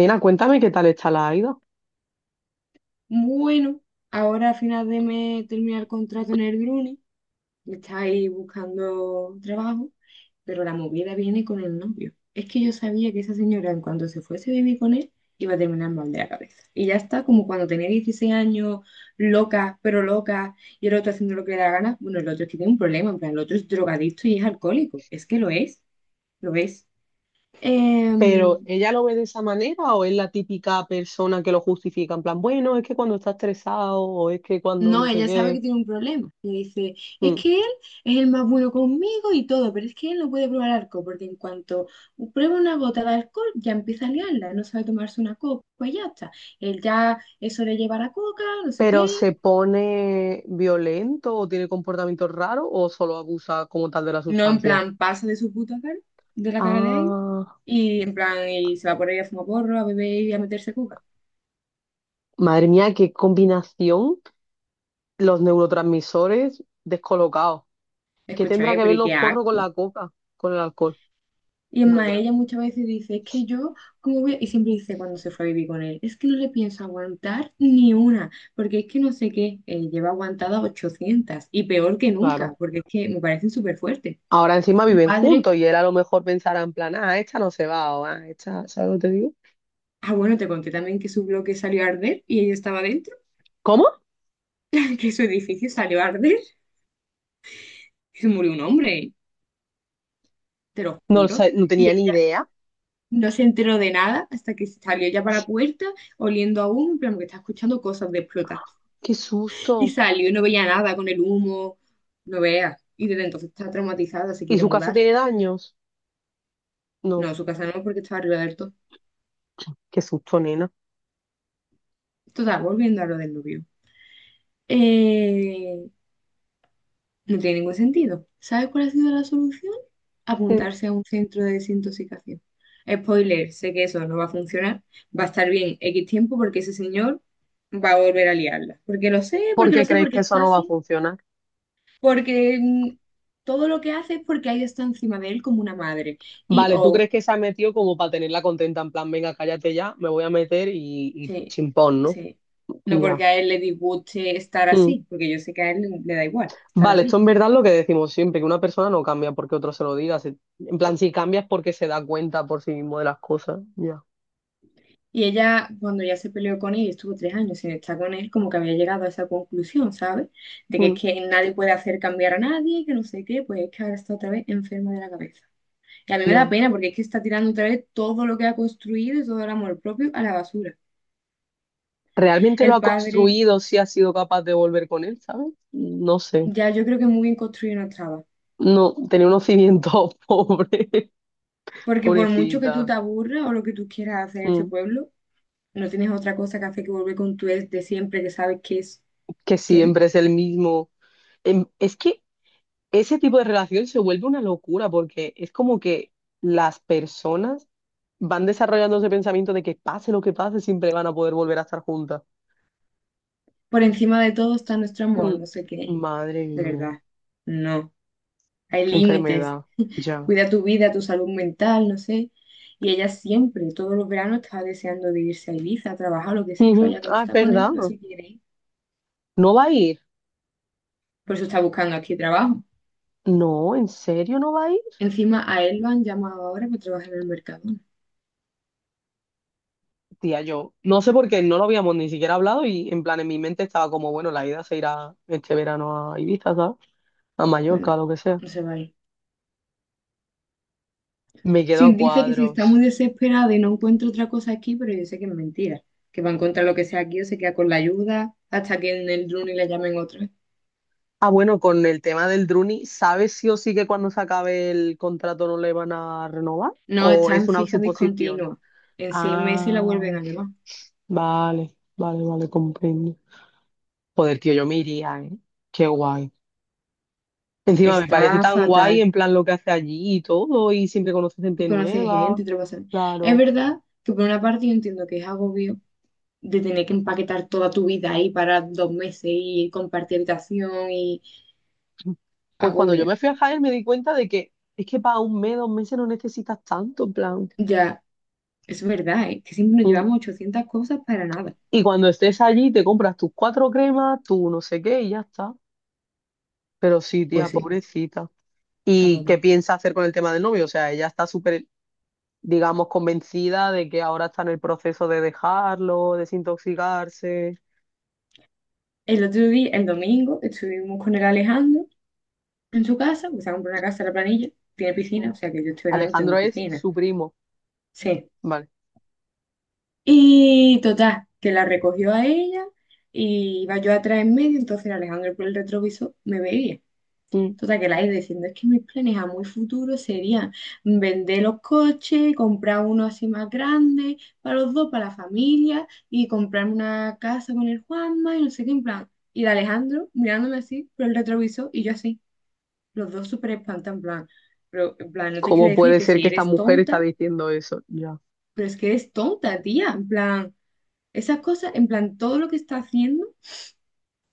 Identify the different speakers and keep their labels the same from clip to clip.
Speaker 1: Nena, cuéntame qué tal está la Aida.
Speaker 2: Bueno, ahora a final de mes termina el contrato en el Bruni, está ahí buscando trabajo, pero la movida viene con el novio. Es que yo sabía que esa señora, en cuanto se fuese a vivir con él, iba a terminar mal de la cabeza. Y ya está, como cuando tenía 16 años, loca, pero loca, y el otro haciendo lo que le da la gana. Bueno, el otro es que tiene un problema, en plan, el otro es drogadicto y es alcohólico. Es que lo es, lo es.
Speaker 1: Pero, ¿ella lo ve de esa manera o es la típica persona que lo justifica? En plan, bueno, es que cuando está estresado o es que cuando
Speaker 2: No,
Speaker 1: no sé
Speaker 2: ella sabe que
Speaker 1: qué.
Speaker 2: tiene un problema. Y dice, es
Speaker 1: Mm.
Speaker 2: que él es el más bueno conmigo y todo, pero es que él no puede probar alcohol, porque en cuanto prueba una gota de alcohol, ya empieza a liarla, no sabe tomarse una copa y ya está. Él ya eso le lleva la coca, no sé qué.
Speaker 1: Pero se pone violento o tiene comportamientos raros o solo abusa como tal de la
Speaker 2: No, en
Speaker 1: sustancia.
Speaker 2: plan, pasa de su puta cara, de la cara de él,
Speaker 1: Ah,
Speaker 2: y en plan, y se va por ahí a fumar porro, a beber y a meterse coca.
Speaker 1: madre mía, qué combinación. Los neurotransmisores descolocados. ¿Qué tendrá
Speaker 2: Escúchame,
Speaker 1: que
Speaker 2: pero
Speaker 1: ver
Speaker 2: ¿y qué
Speaker 1: los porros con
Speaker 2: asco?
Speaker 1: la coca, con el alcohol?
Speaker 2: Y es
Speaker 1: No,
Speaker 2: más,
Speaker 1: ya,
Speaker 2: ella muchas veces dice, es que yo, ¿cómo voy? Y siempre dice cuando se fue a vivir con él, es que no le pienso aguantar ni una, porque es que no sé qué, lleva aguantada 800 y peor que nunca,
Speaker 1: claro.
Speaker 2: porque es que me parecen súper fuertes.
Speaker 1: Ahora encima
Speaker 2: El
Speaker 1: viven
Speaker 2: padre,
Speaker 1: juntos y él a lo mejor pensará en plan, ah, esta no se va o ah, esta, ¿sabes lo que te digo?
Speaker 2: ah, bueno, te conté también que su bloque salió a arder y ella estaba dentro,
Speaker 1: ¿Cómo?
Speaker 2: que su edificio salió a arder y se murió un hombre, te lo
Speaker 1: No, lo
Speaker 2: juro.
Speaker 1: sa- no
Speaker 2: Y
Speaker 1: tenía
Speaker 2: él
Speaker 1: ni idea.
Speaker 2: no se enteró de nada hasta que salió ya para la puerta, oliendo aún, en plan, que está escuchando cosas de
Speaker 1: Qué
Speaker 2: Y
Speaker 1: susto.
Speaker 2: salió y no veía nada con el humo, no vea Y desde entonces está traumatizada, se
Speaker 1: ¿Y
Speaker 2: quiere
Speaker 1: su casa
Speaker 2: mudar.
Speaker 1: tiene daños? No,
Speaker 2: No, su casa no, porque estaba arriba del todo.
Speaker 1: qué susto, nena.
Speaker 2: Total, volviendo a lo del novio. Eh, no tiene ningún sentido. ¿Sabes cuál ha sido la solución? Apuntarse a un centro de desintoxicación. Spoiler, sé que eso no va a funcionar. Va a estar bien X tiempo porque ese señor va a volver a liarla. Porque lo sé, porque lo
Speaker 1: ¿Porque
Speaker 2: sé,
Speaker 1: creéis
Speaker 2: porque
Speaker 1: que eso
Speaker 2: está
Speaker 1: no va a
Speaker 2: así.
Speaker 1: funcionar?
Speaker 2: Porque todo lo que hace es porque ella está encima de él como una madre. Y
Speaker 1: Vale, ¿tú crees
Speaker 2: o
Speaker 1: que se ha metido como para tenerla contenta? En plan, venga, cállate ya, me voy a meter y
Speaker 2: sí,
Speaker 1: chimpón, ¿no?
Speaker 2: sí. No
Speaker 1: Ya.
Speaker 2: porque a él le disguste estar
Speaker 1: Mm.
Speaker 2: así, porque yo sé que a él le da igual estar
Speaker 1: Vale, esto
Speaker 2: así.
Speaker 1: en verdad es lo que decimos siempre, que una persona no cambia porque otro se lo diga. Si- en plan, si cambia es porque se da cuenta por sí mismo de las cosas. Ya.
Speaker 2: Y ella, cuando ya se peleó con él y estuvo 3 años sin estar con él, como que había llegado a esa conclusión, ¿sabes? De que es
Speaker 1: Mm,
Speaker 2: que nadie puede hacer cambiar a nadie, que no sé qué, pues es que ahora está otra vez enferma de la cabeza. Y a mí me da
Speaker 1: ya.
Speaker 2: pena porque es que está tirando otra vez todo lo que ha construido y todo el amor propio a la basura.
Speaker 1: ¿Realmente lo
Speaker 2: El
Speaker 1: ha
Speaker 2: padre,
Speaker 1: construido si ha sido capaz de volver con él, ¿sabes? No sé.
Speaker 2: ya yo creo que muy bien construido no estaba.
Speaker 1: No, tenía unos cimientos pobres,
Speaker 2: Porque por mucho que tú
Speaker 1: pobrecita.
Speaker 2: te aburras o lo que tú quieras hacer en este
Speaker 1: Mm.
Speaker 2: pueblo, no tienes otra cosa que hacer que volver con tu ex de siempre que sabes que es
Speaker 1: Que
Speaker 2: que no.
Speaker 1: siempre es el mismo. Es que ese tipo de relación se vuelve una locura porque es como que las personas van desarrollando ese pensamiento de que pase lo que pase, siempre van a poder volver a estar juntas.
Speaker 2: Por encima de todo está nuestro
Speaker 1: Mm.
Speaker 2: amor, no sé qué.
Speaker 1: Madre
Speaker 2: De
Speaker 1: mía,
Speaker 2: verdad, no. Hay
Speaker 1: qué
Speaker 2: límites.
Speaker 1: enfermedad. Ya.
Speaker 2: Cuida tu vida, tu salud mental, no sé. Y ella siempre, todos los veranos, estaba deseando de irse a Ibiza, a trabajar, lo que sea, claro,
Speaker 1: Ujú.
Speaker 2: ya como
Speaker 1: Ah, es
Speaker 2: está con él,
Speaker 1: verdad.
Speaker 2: no se quiere ir.
Speaker 1: ¿No va a ir?
Speaker 2: Por eso está buscando aquí trabajo.
Speaker 1: No, ¿en serio no va a ir?
Speaker 2: Encima a él lo han llamado ahora para trabajar en el mercado.
Speaker 1: Tía, yo no sé por qué no lo habíamos ni siquiera hablado y en plan en mi mente estaba como, bueno, la ida se irá este verano a Ibiza, ¿sabes? A Mallorca,
Speaker 2: Bueno,
Speaker 1: lo que sea.
Speaker 2: no se va a ir.
Speaker 1: Me quedo
Speaker 2: Sí,
Speaker 1: a
Speaker 2: dice que si está muy
Speaker 1: cuadros.
Speaker 2: desesperada y no encuentra otra cosa aquí, pero yo sé que es mentira, que va a encontrar lo que sea aquí o se queda con la ayuda hasta que en el Druni la llamen otra vez.
Speaker 1: Ah, bueno, con el tema del Druni, ¿sabes sí o sí que cuando se acabe el contrato no le van a renovar?
Speaker 2: No,
Speaker 1: ¿O
Speaker 2: está
Speaker 1: es
Speaker 2: en
Speaker 1: una
Speaker 2: fija
Speaker 1: suposición?
Speaker 2: discontinua. En 6 meses la
Speaker 1: Ah,
Speaker 2: vuelven a llamar.
Speaker 1: vale, vale, vale, comprendo. Joder, tío, yo me iría, ¿eh? Qué guay. Encima me parece
Speaker 2: Está
Speaker 1: tan guay
Speaker 2: fatal.
Speaker 1: en plan lo que hace allí y todo, y siempre conoce
Speaker 2: Y
Speaker 1: gente
Speaker 2: conoce
Speaker 1: nueva.
Speaker 2: gente y te lo pasa bien. Es
Speaker 1: Claro.
Speaker 2: verdad que por una parte yo entiendo que es agobio de tener que empaquetar toda tu vida ahí para 2 meses y compartir habitación y
Speaker 1: Pues cuando yo
Speaker 2: agobia.
Speaker 1: me fui a Jaén me di cuenta de que es que para un mes, dos meses no necesitas tanto, en plan.
Speaker 2: Ya, es verdad, ¿eh? Que siempre nos
Speaker 1: Mm.
Speaker 2: llevamos 800 cosas para nada.
Speaker 1: Y cuando estés allí te compras tus cuatro cremas, tu no sé qué y ya está. Pero sí, tía,
Speaker 2: Pues sí,
Speaker 1: pobrecita.
Speaker 2: está
Speaker 1: ¿Y qué
Speaker 2: fatal.
Speaker 1: piensa hacer con el tema del novio? O sea, ella está súper, digamos, convencida de que ahora está en el proceso de dejarlo, desintoxicarse.
Speaker 2: El otro día, el domingo, estuvimos con el Alejandro en su casa, porque se ha comprado una casa en la planilla, tiene piscina,
Speaker 1: Mm.
Speaker 2: o sea que yo este verano
Speaker 1: Alejandro
Speaker 2: tengo
Speaker 1: es
Speaker 2: piscina.
Speaker 1: su primo.
Speaker 2: Sí.
Speaker 1: Vale.
Speaker 2: Y total, que la recogió a ella y iba yo atrás en medio, entonces el Alejandro por el retrovisor me veía.
Speaker 1: Mm.
Speaker 2: Total, que la iba diciendo, es que mis planes a muy futuro serían vender los coches, comprar uno así más grande para los dos, para la familia, y comprar una casa con el Juanma y no sé qué, en plan. Y el Alejandro mirándome así por el retrovisor y yo así. Los dos súper espantan, en plan, pero, en plan, no te quiero
Speaker 1: ¿Cómo
Speaker 2: decir
Speaker 1: puede
Speaker 2: que
Speaker 1: ser
Speaker 2: si
Speaker 1: que esta
Speaker 2: eres
Speaker 1: mujer está
Speaker 2: tonta,
Speaker 1: diciendo eso? Ya.
Speaker 2: pero es que eres tonta, tía, en plan, esas cosas, en plan, todo lo que está haciendo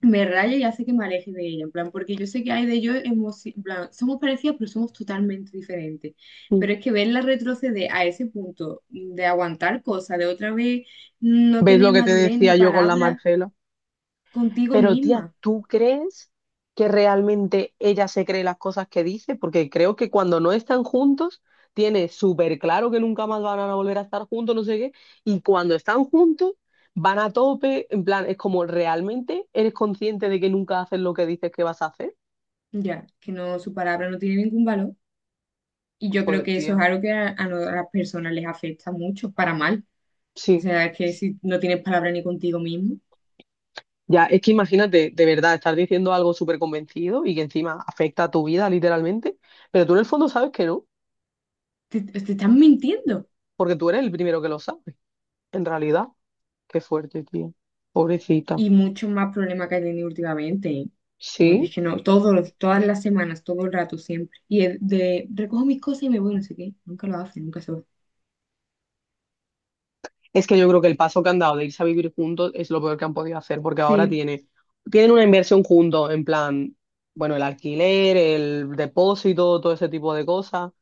Speaker 2: me raya y hace que me aleje de ella, en plan, porque yo sé que hay de yo, hemos, en plan, somos parecidas, pero somos totalmente diferentes,
Speaker 1: Mm.
Speaker 2: pero es que verla retroceder a ese punto de aguantar cosas, de otra vez no
Speaker 1: ¿Ves
Speaker 2: tener
Speaker 1: lo que te
Speaker 2: madurez ni
Speaker 1: decía yo con la
Speaker 2: palabra
Speaker 1: Marcela?
Speaker 2: contigo
Speaker 1: Pero
Speaker 2: misma,
Speaker 1: tía, ¿tú crees que realmente ella se cree las cosas que dice? Porque creo que cuando no están juntos, tiene súper claro que nunca más van a volver a estar juntos, no sé qué, y cuando están juntos, van a tope, en plan, es como, ¿realmente eres consciente de que nunca haces lo que dices que vas a hacer?
Speaker 2: ya, que no, su palabra no tiene ningún valor. Y yo creo
Speaker 1: Joder,
Speaker 2: que eso es
Speaker 1: tía.
Speaker 2: algo que a no- a las personas les afecta mucho, para mal. O
Speaker 1: Sí,
Speaker 2: sea, es que si no tienes palabra ni contigo mismo,
Speaker 1: ya, es que imagínate, de verdad, estar diciendo algo súper convencido y que encima afecta a tu vida literalmente, pero tú en el fondo sabes que no,
Speaker 2: te estás mintiendo.
Speaker 1: porque tú eres el primero que lo sabe, en realidad. Qué fuerte, tío. Pobrecita.
Speaker 2: Y muchos más problemas que he tenido últimamente, ¿eh? Bueno,
Speaker 1: Sí,
Speaker 2: es que no, todos, todas las semanas, todo el rato, siempre. Y es de, recojo mis cosas y me voy, no sé qué. Nunca lo hace, nunca se va.
Speaker 1: es que yo creo que el paso que han dado de irse a vivir juntos es lo peor que han podido hacer, porque ahora
Speaker 2: Sí,
Speaker 1: tiene, tienen una inversión juntos, en plan, bueno, el alquiler, el depósito, todo ese tipo de cosas,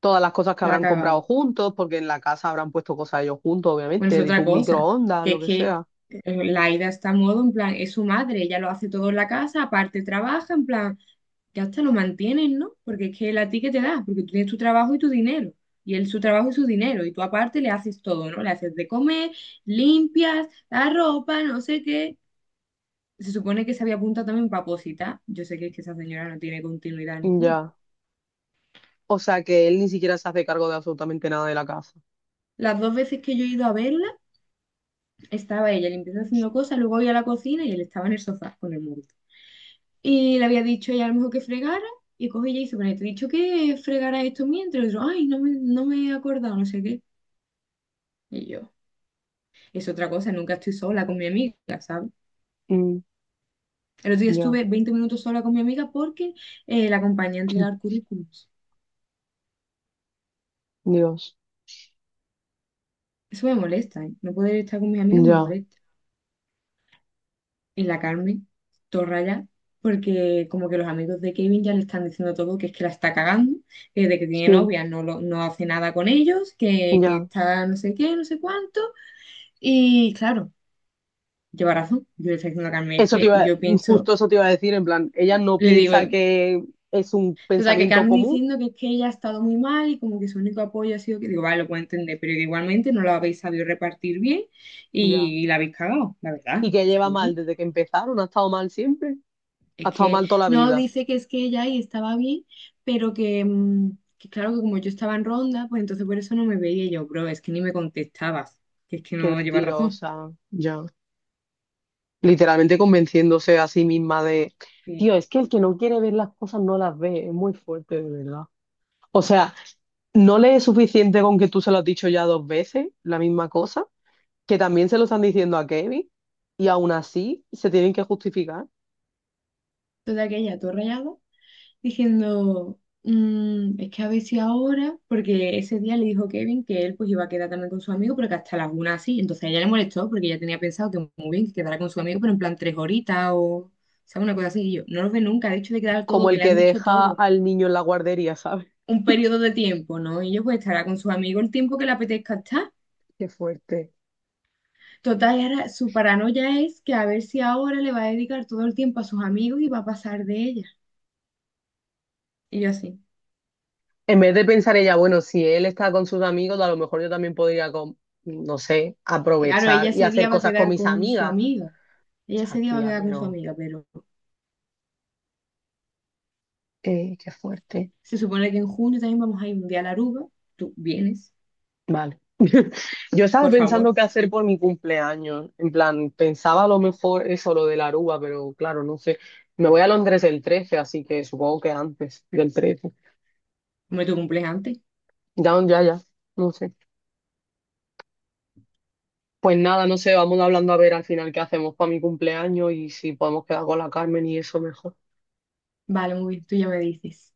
Speaker 1: todas las cosas que
Speaker 2: la ha
Speaker 1: habrán comprado
Speaker 2: cagado.
Speaker 1: juntos, porque en la casa habrán puesto cosas ellos juntos,
Speaker 2: Bueno, es
Speaker 1: obviamente, de
Speaker 2: otra
Speaker 1: un
Speaker 2: cosa,
Speaker 1: microondas,
Speaker 2: que
Speaker 1: lo
Speaker 2: es
Speaker 1: que
Speaker 2: que
Speaker 1: sea.
Speaker 2: Laida está a modo, en plan, es su madre, ella lo hace todo en la casa, aparte trabaja, en plan. Ya hasta lo mantienen, ¿no? Porque es que él a ti que te da, porque tú tienes tu trabajo y tu dinero, y él su trabajo y su dinero, y tú aparte le haces todo, ¿no? Le haces de comer, limpias, la ropa, no sé qué. Se supone que se había apuntado también para opositar. Yo sé que es que esa señora no tiene continuidad ninguna.
Speaker 1: Ya. O sea que él ni siquiera se hace cargo de absolutamente nada de la casa.
Speaker 2: Las dos veces que yo he ido a verla, estaba ella limpiando haciendo cosas, luego voy a la cocina y él estaba en el sofá con el móvil. Y le había dicho ella a lo mejor que fregara, y coge ella y dice, bueno, te he dicho que fregara esto mientras, y yo, ay, no me he acordado, no sé qué. Y yo, es otra cosa, nunca estoy sola con mi amiga, ¿sabes?
Speaker 1: Mm,
Speaker 2: El otro día
Speaker 1: ya.
Speaker 2: estuve 20 minutos sola con mi amiga porque la acompañé a entregar currículums.
Speaker 1: Dios.
Speaker 2: Eso me molesta, ¿eh? No poder estar con mis amigas me
Speaker 1: Ya.
Speaker 2: molesta. En la Carmen, todo raya, porque como que los amigos de Kevin ya le están diciendo todo que es que la está cagando, que de que tiene
Speaker 1: Sí,
Speaker 2: novia no, no hace nada con ellos, que
Speaker 1: ya.
Speaker 2: está no sé qué, no sé cuánto. Y claro, lleva razón. Yo le estoy diciendo a Carmen, es
Speaker 1: Eso te
Speaker 2: que
Speaker 1: iba,
Speaker 2: yo pienso,
Speaker 1: justo eso te iba a decir, en plan, ella no
Speaker 2: le digo.
Speaker 1: piensa que es un
Speaker 2: Total, que
Speaker 1: pensamiento
Speaker 2: Carmen
Speaker 1: común.
Speaker 2: diciendo que es que ella ha estado muy mal y como que su único apoyo ha sido que digo, vale, lo puedo entender, pero que igualmente no lo habéis sabido repartir bien
Speaker 1: Ya.
Speaker 2: y la habéis cagado, la verdad,
Speaker 1: Y
Speaker 2: las
Speaker 1: que
Speaker 2: cosas
Speaker 1: lleva
Speaker 2: como
Speaker 1: mal
Speaker 2: son.
Speaker 1: desde que empezaron, ha estado mal siempre, ha
Speaker 2: Es
Speaker 1: estado
Speaker 2: que
Speaker 1: mal toda la
Speaker 2: no
Speaker 1: vida.
Speaker 2: dice que es que ella ahí estaba bien, pero que, que claro que como yo estaba en ronda, pues entonces por eso no me veía. Y yo, bro, es que ni me contestabas, que es que
Speaker 1: Qué
Speaker 2: no llevas razón.
Speaker 1: mentirosa, ya. Literalmente convenciéndose a sí misma de,
Speaker 2: Y
Speaker 1: tío, es que el que no quiere ver las cosas no las ve, es muy fuerte, de verdad. O sea, no le es suficiente con que tú se lo has dicho ya dos veces, la misma cosa, que también se lo están diciendo a Kevin y aún así se tienen que justificar.
Speaker 2: total, que ella todo rayado diciendo, Es que a ver si ahora, porque ese día le dijo Kevin que él pues iba a quedar también con su amigo, pero que hasta las una así, entonces a ella le molestó porque ella tenía pensado que muy bien, que quedara con su amigo, pero en plan 3 horitas o, ¿sabes? Una cosa así, y yo, no los ve nunca, ha dicho de quedar todo,
Speaker 1: Como
Speaker 2: que
Speaker 1: el
Speaker 2: le
Speaker 1: que
Speaker 2: han dicho
Speaker 1: deja
Speaker 2: todo,
Speaker 1: al niño en la guardería, ¿sabes?
Speaker 2: un periodo de tiempo, ¿no? Y yo pues estará con su amigo el tiempo que le apetezca estar.
Speaker 1: Qué fuerte.
Speaker 2: Total, y ahora su paranoia es que a ver si ahora le va a dedicar todo el tiempo a sus amigos y va a pasar de ella. Y yo así.
Speaker 1: En vez de pensar ella, bueno, si él está con sus amigos, a lo mejor yo también podría, con- no sé,
Speaker 2: Claro, ella
Speaker 1: aprovechar y
Speaker 2: ese
Speaker 1: hacer
Speaker 2: día va a
Speaker 1: cosas con
Speaker 2: quedar
Speaker 1: mis
Speaker 2: con su
Speaker 1: amigas.
Speaker 2: amiga. Ella
Speaker 1: Ya,
Speaker 2: ese día va a
Speaker 1: tía,
Speaker 2: quedar con su
Speaker 1: pero
Speaker 2: amiga, pero
Speaker 1: qué fuerte.
Speaker 2: se supone que en junio también vamos a ir un día a la Aruba. Tú vienes,
Speaker 1: Vale. Yo estaba
Speaker 2: por favor.
Speaker 1: pensando qué hacer por mi cumpleaños. En plan, pensaba a lo mejor eso, lo de la Aruba, pero claro, no sé. Me voy a Londres el 13, así que supongo que antes del 13.
Speaker 2: Hombre, tu cumples antes.
Speaker 1: Ya, ya, ya. No sé. Pues nada, no sé, vamos hablando a ver al final qué hacemos para mi cumpleaños y si podemos quedar con la Carmen y eso mejor.
Speaker 2: Vale, muy bien, tú ya me dices.